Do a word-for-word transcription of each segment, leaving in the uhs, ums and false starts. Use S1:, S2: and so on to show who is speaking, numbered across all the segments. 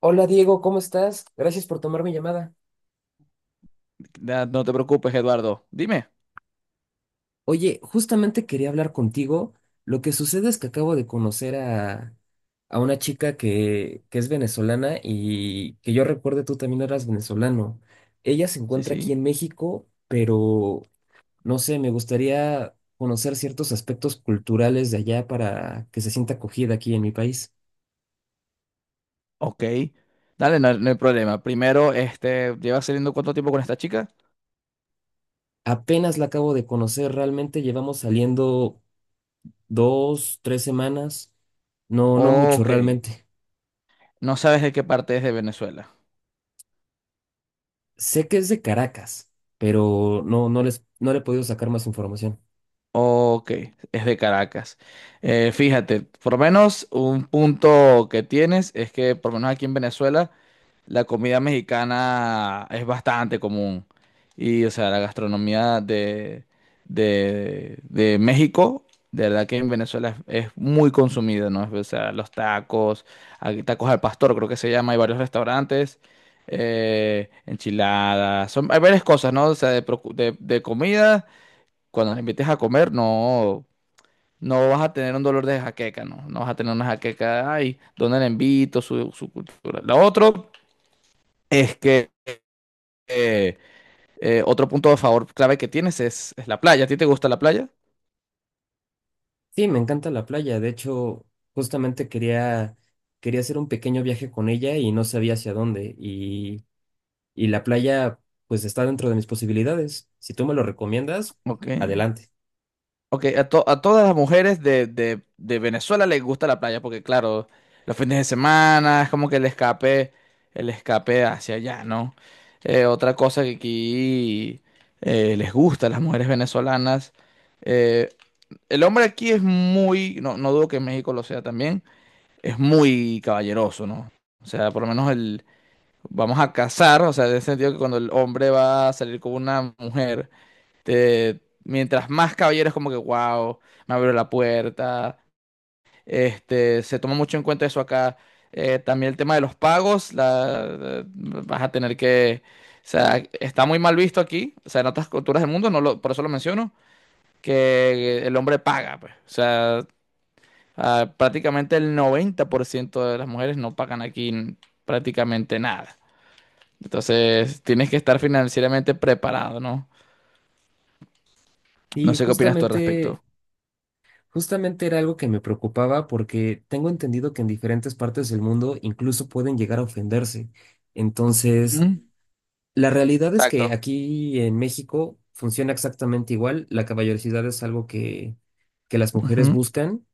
S1: Hola Diego, ¿cómo estás? Gracias por tomar mi llamada.
S2: Da- No te preocupes, Eduardo. Dime.
S1: Oye, justamente quería hablar contigo. Lo que sucede es que acabo de conocer a, a una chica que, que es venezolana y que yo recuerde tú también eras venezolano. Ella se
S2: Sí,
S1: encuentra aquí
S2: sí.
S1: en México, pero no sé, me gustaría conocer ciertos aspectos culturales de allá para que se sienta acogida aquí en mi país.
S2: Ok. Dale, no, no hay problema. Primero, este, ¿llevas saliendo cuánto tiempo con esta chica?
S1: Apenas la acabo de conocer, realmente llevamos saliendo dos, tres semanas. No, no mucho
S2: Ok.
S1: realmente.
S2: No sabes de qué parte es de Venezuela.
S1: Sé que es de Caracas, pero no, no les, no le he podido sacar más información.
S2: Ok. Es de Caracas. Eh, fíjate, por lo menos un punto que tienes es que por lo menos aquí en Venezuela la comida mexicana es bastante común. Y, o sea, la gastronomía de, de, de México, de verdad que en Venezuela es, es muy consumida, ¿no? O sea, los tacos, hay tacos al pastor, creo que se llama, hay varios restaurantes, eh, enchiladas, son, hay varias cosas, ¿no? O sea, de, procu- de, de comida, cuando nos invites a comer, no, no vas a tener un dolor de jaqueca, ¿no? No vas a tener una jaqueca, ay, ¿dónde la invito? Su, su cultura. Lo otro es que eh, eh, otro punto a favor clave que tienes es, es la playa. ¿A ti te gusta la playa?
S1: Sí, me encanta la playa. De hecho, justamente quería, quería hacer un pequeño viaje con ella y no sabía hacia dónde. Y, y la playa, pues está dentro de mis posibilidades. Si tú me lo recomiendas,
S2: Ok.
S1: adelante.
S2: Ok, a, to- a todas las mujeres de, de- de Venezuela les gusta la playa porque, claro, los fines de semana es como que el escape, el escape hacia allá, ¿no? Eh, otra cosa que aquí eh, les gusta a las mujeres venezolanas. eh, el hombre aquí es muy, no, no dudo que en México lo sea también, es muy caballeroso, ¿no? O sea, por lo menos vamos a casar, o sea, en el sentido que cuando el hombre va a salir con una mujer, te- mientras más caballeros como que, wow, me abrió la puerta, este, se toma mucho en cuenta eso acá. Eh, también el tema de los pagos, la, vas a tener que, o sea, está muy mal visto aquí, o sea, en otras culturas del mundo, no lo- por eso lo menciono, que el hombre paga, pues, o sea, ah, prácticamente el noventa por ciento de las mujeres no pagan aquí prácticamente nada. Entonces, tienes que estar financieramente preparado, ¿no? No
S1: Y
S2: sé qué opinas tú al respecto.
S1: justamente, justamente era algo que me preocupaba porque tengo entendido que en diferentes partes del mundo incluso pueden llegar a ofenderse.
S2: Ujú.
S1: Entonces, la realidad es que
S2: Exacto.
S1: aquí en México funciona exactamente igual. La caballerosidad es algo que, que las mujeres
S2: Ujú.
S1: buscan,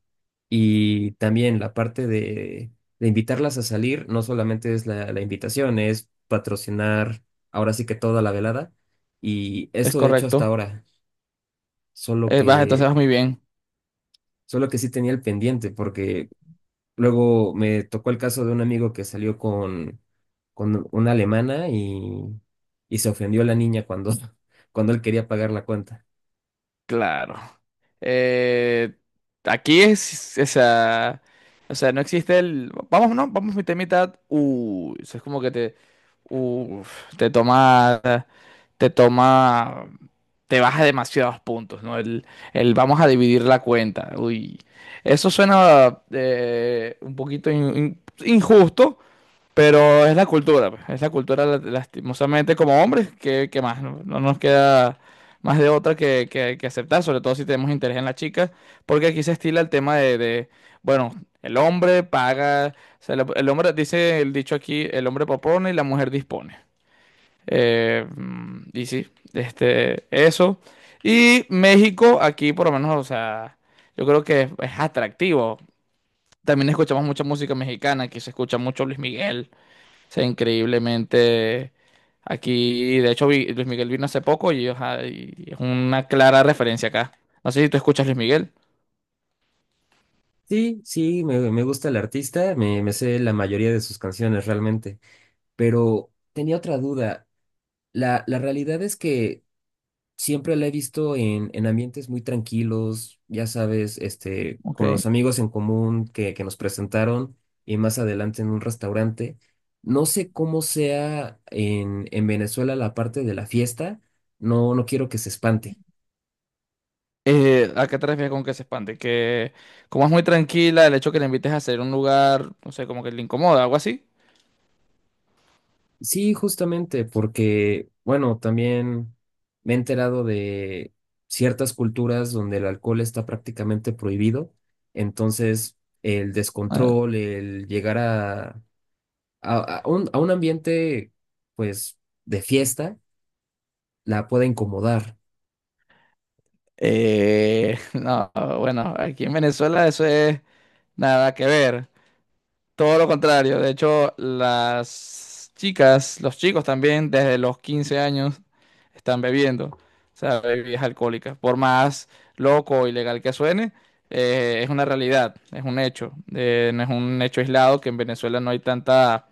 S1: y también la parte de, de invitarlas a salir no solamente es la, la invitación, es patrocinar ahora sí que toda la velada. Y
S2: Es
S1: esto he hecho hasta
S2: correcto.
S1: ahora, solo
S2: Eh, vas, entonces
S1: que,
S2: vas muy bien.
S1: solo que sí tenía el pendiente porque luego me tocó el caso de un amigo que salió con, con una alemana y, y se ofendió la niña cuando, cuando él quería pagar la cuenta.
S2: Claro. Eh, Aquí es, o sea, o sea, no existe el... Vamos, no, vamos mitad y mitad. Uy, eso es como que te... Uf, te tomas. Te toma, te baja demasiados puntos, ¿no? El, el vamos a dividir la cuenta. Uy, eso suena eh, un poquito in- in- injusto, pero es la cultura, pues, es la cultura la- lastimosamente como hombres, qué qué más? No, no nos queda más de otra que, que- que aceptar, sobre todo si tenemos interés en la chica, porque aquí se estila el tema de, de, bueno, el hombre paga, o sea, el el hombre, dice el dicho aquí, el hombre propone y la mujer dispone. Eh, mm, y sí, este, eso. Y México, aquí por lo menos, o sea, yo creo que es, es atractivo. También escuchamos mucha música mexicana, aquí se escucha mucho Luis Miguel. O sea, increíblemente aquí, de hecho, vi- Luis Miguel vino hace poco y, ajá, y es una clara referencia acá. No sé si tú escuchas Luis Miguel.
S1: Sí, sí, me, me gusta el artista, me, me sé la mayoría de sus canciones realmente, pero tenía otra duda. La, la realidad es que siempre la he visto en, en ambientes muy tranquilos, ya sabes, este,
S2: Ok.
S1: con los amigos en común que, que nos presentaron y más adelante en un restaurante. No sé cómo sea en, en Venezuela la parte de la fiesta, no, no quiero que se espante.
S2: Eh, ¿a qué te refieres con que se espante? Que como es muy tranquila, el hecho que le invites a hacer un lugar, no sé, como que le incomoda, algo así.
S1: Sí, justamente, porque, bueno, también me he enterado de ciertas culturas donde el alcohol está prácticamente prohibido, entonces el descontrol, el llegar a a, a un, a un ambiente, pues, de fiesta, la pueda incomodar.
S2: Eh, no, bueno, aquí en Venezuela eso es nada que ver. Todo lo contrario. De hecho, las chicas, los chicos también, desde los quince años, están bebiendo. O sea, bebidas alcohólicas. Por más loco o ilegal que suene, eh, es una realidad, es un hecho. Eh, no es un hecho aislado que en Venezuela no hay tanta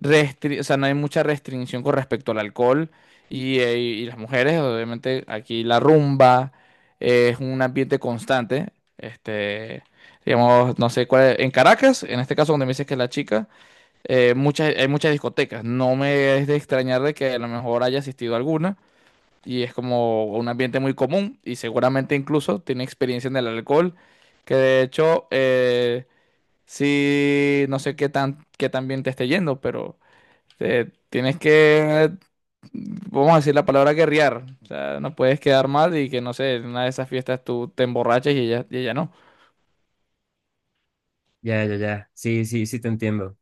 S2: restri- o sea, no hay mucha restricción con respecto al alcohol y, eh, y las mujeres, obviamente aquí la rumba eh, es un ambiente constante, este, digamos, no sé cuál es- en Caracas, en este caso donde me dices que es la chica, eh, muchas, hay muchas discotecas, no me es de extrañar de que a lo mejor haya asistido a alguna y es como un ambiente muy común y seguramente incluso tiene experiencia en el alcohol, que de hecho, eh, sí, no sé qué tan, qué tan bien te esté yendo, pero... Te- tienes que, vamos a decir la palabra guerrear. O sea, no puedes quedar mal y que, no sé, en una de esas fiestas tú te emborrachas y ella, y ella no.
S1: Ya, ya, ya. Sí, sí, sí te entiendo.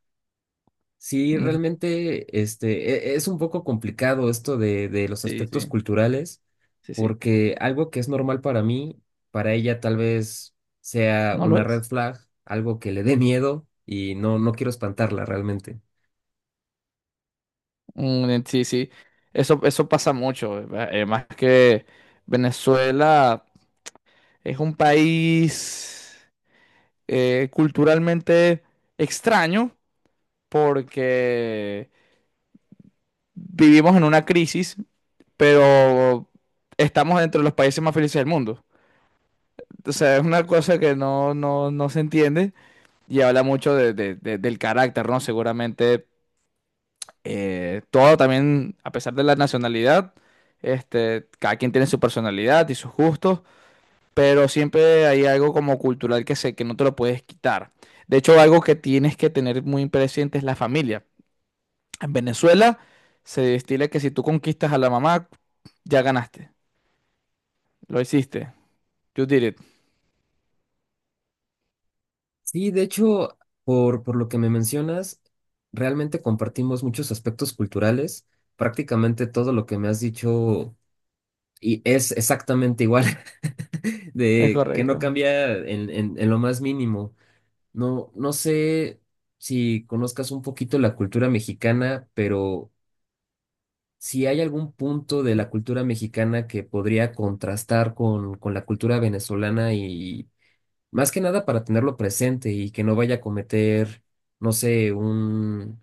S1: Sí,
S2: Ujú.
S1: realmente, este, e- es un poco complicado esto de, de los
S2: Sí,
S1: aspectos
S2: sí,
S1: culturales,
S2: sí, sí.
S1: porque algo que es normal para mí, para ella tal vez sea
S2: No lo
S1: una red
S2: es.
S1: flag, algo que le dé miedo y no, no quiero espantarla realmente.
S2: Mm, sí, sí. Eso, eso pasa mucho. Además que Venezuela es un país eh, culturalmente extraño porque vivimos en una crisis, pero estamos entre los países más felices del mundo. O sea, es una cosa que no, no, no se entiende y habla mucho de- de- de- del carácter, ¿no? Seguramente eh, todo también, a pesar de la nacionalidad, este, cada quien tiene su personalidad y sus gustos, pero siempre hay algo como cultural que se, que no te lo puedes quitar. De hecho, algo que tienes que tener muy presente es la familia. En Venezuela se destila que si tú conquistas a la mamá, ya ganaste, lo hiciste, you did it,
S1: Sí, de hecho, por, por lo que me mencionas, realmente compartimos muchos aspectos culturales. Prácticamente todo lo que me has dicho y es exactamente igual,
S2: es
S1: de que no
S2: correcto.
S1: cambia en, en, en lo más mínimo. No, no sé si conozcas un poquito la cultura mexicana, pero si hay algún punto de la cultura mexicana que podría contrastar con, con la cultura venezolana y más que nada para tenerlo presente y que no vaya a cometer, no sé, un,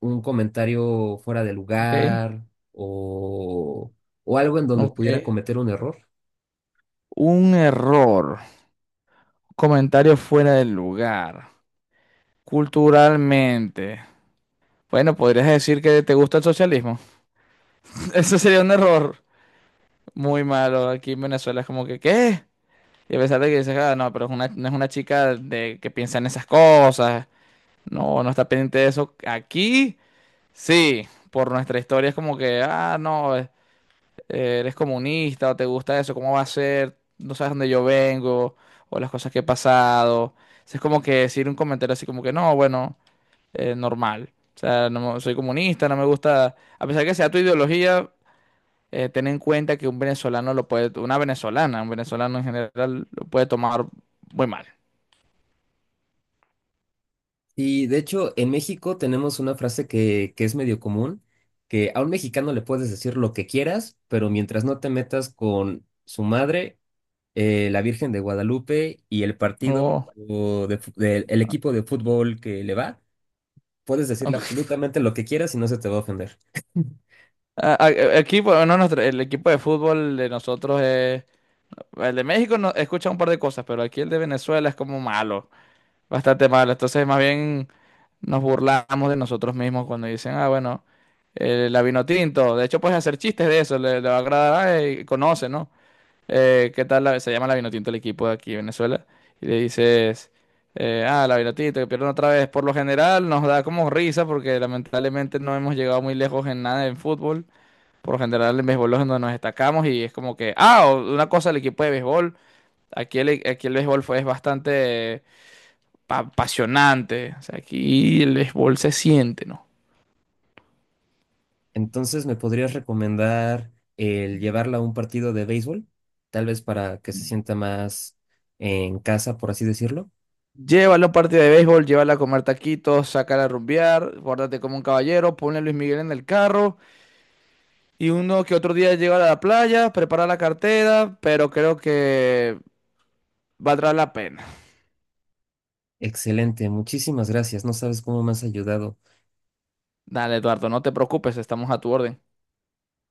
S1: un comentario fuera de
S2: Ok,
S1: lugar o, o algo en donde
S2: ok,
S1: pudiera cometer un error.
S2: un error. Comentario fuera del lugar. Culturalmente. Bueno, podrías decir que te gusta el socialismo. Eso sería un error muy malo. Aquí en Venezuela es como que, ¿qué? Y a pesar de que dices, ah, no, pero es una- no es una chica de, que piensa en esas cosas. No, no está pendiente de eso. Aquí, sí. Por nuestra historia es como que, ah, no. Eh, eres comunista o te gusta eso, cómo va a ser, no sabes dónde yo vengo o las cosas que he pasado. Entonces, es como que decir un comentario así como que no, bueno, eh, normal. O sea, no me- soy comunista, no me gusta, a pesar que sea tu ideología, eh, ten en cuenta que un venezolano lo puede, una venezolana, un venezolano en general lo puede tomar muy mal.
S1: Y de hecho, en México tenemos una frase que, que es medio común, que a un mexicano le puedes decir lo que quieras, pero mientras no te metas con su madre, eh, la Virgen de Guadalupe y el partido
S2: Oh.
S1: o de fu- del- el equipo de fútbol que le va, puedes decirle absolutamente lo que quieras y no se te va a ofender.
S2: A- a- Aquí, bueno, no, nuestro- el equipo de fútbol de nosotros es... El de México no, escucha un par de cosas, pero aquí el de Venezuela es como malo. Bastante malo. Entonces, más bien nos burlamos de nosotros mismos cuando dicen, ah, bueno, eh, la vino tinto. De hecho, puedes hacer chistes de eso, le, le va a agradar, y conoce, ¿no? Eh, ¿qué tal la- se llama la vino tinto el equipo de aquí, Venezuela? Y le dices, eh, ah, la vino tinto, que pierden otra vez. Por lo general nos da como risa porque lamentablemente no hemos llegado muy lejos en nada en fútbol. Por lo general en béisbol es donde nos destacamos y es como que, ah, o- una cosa el equipo de béisbol. Aquí el, aquí el béisbol fue, es bastante pa- apasionante. O sea, aquí el béisbol se siente, ¿no?
S1: Entonces, ¿me podrías recomendar el llevarla a un partido de béisbol? Tal vez para que se sienta más en casa, por así decirlo.
S2: Llévalo a un partido de béisbol, llévala a comer taquitos, sácala a rumbear, guárdate como un caballero, ponle a Luis Miguel en el carro y uno que otro día llega a la playa, prepara la cartera, pero creo que valdrá la pena.
S1: Excelente, muchísimas gracias. No sabes cómo me has ayudado.
S2: Dale, Eduardo, no te preocupes, estamos a tu orden.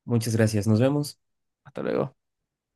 S1: Muchas gracias. Nos vemos.
S2: Hasta luego.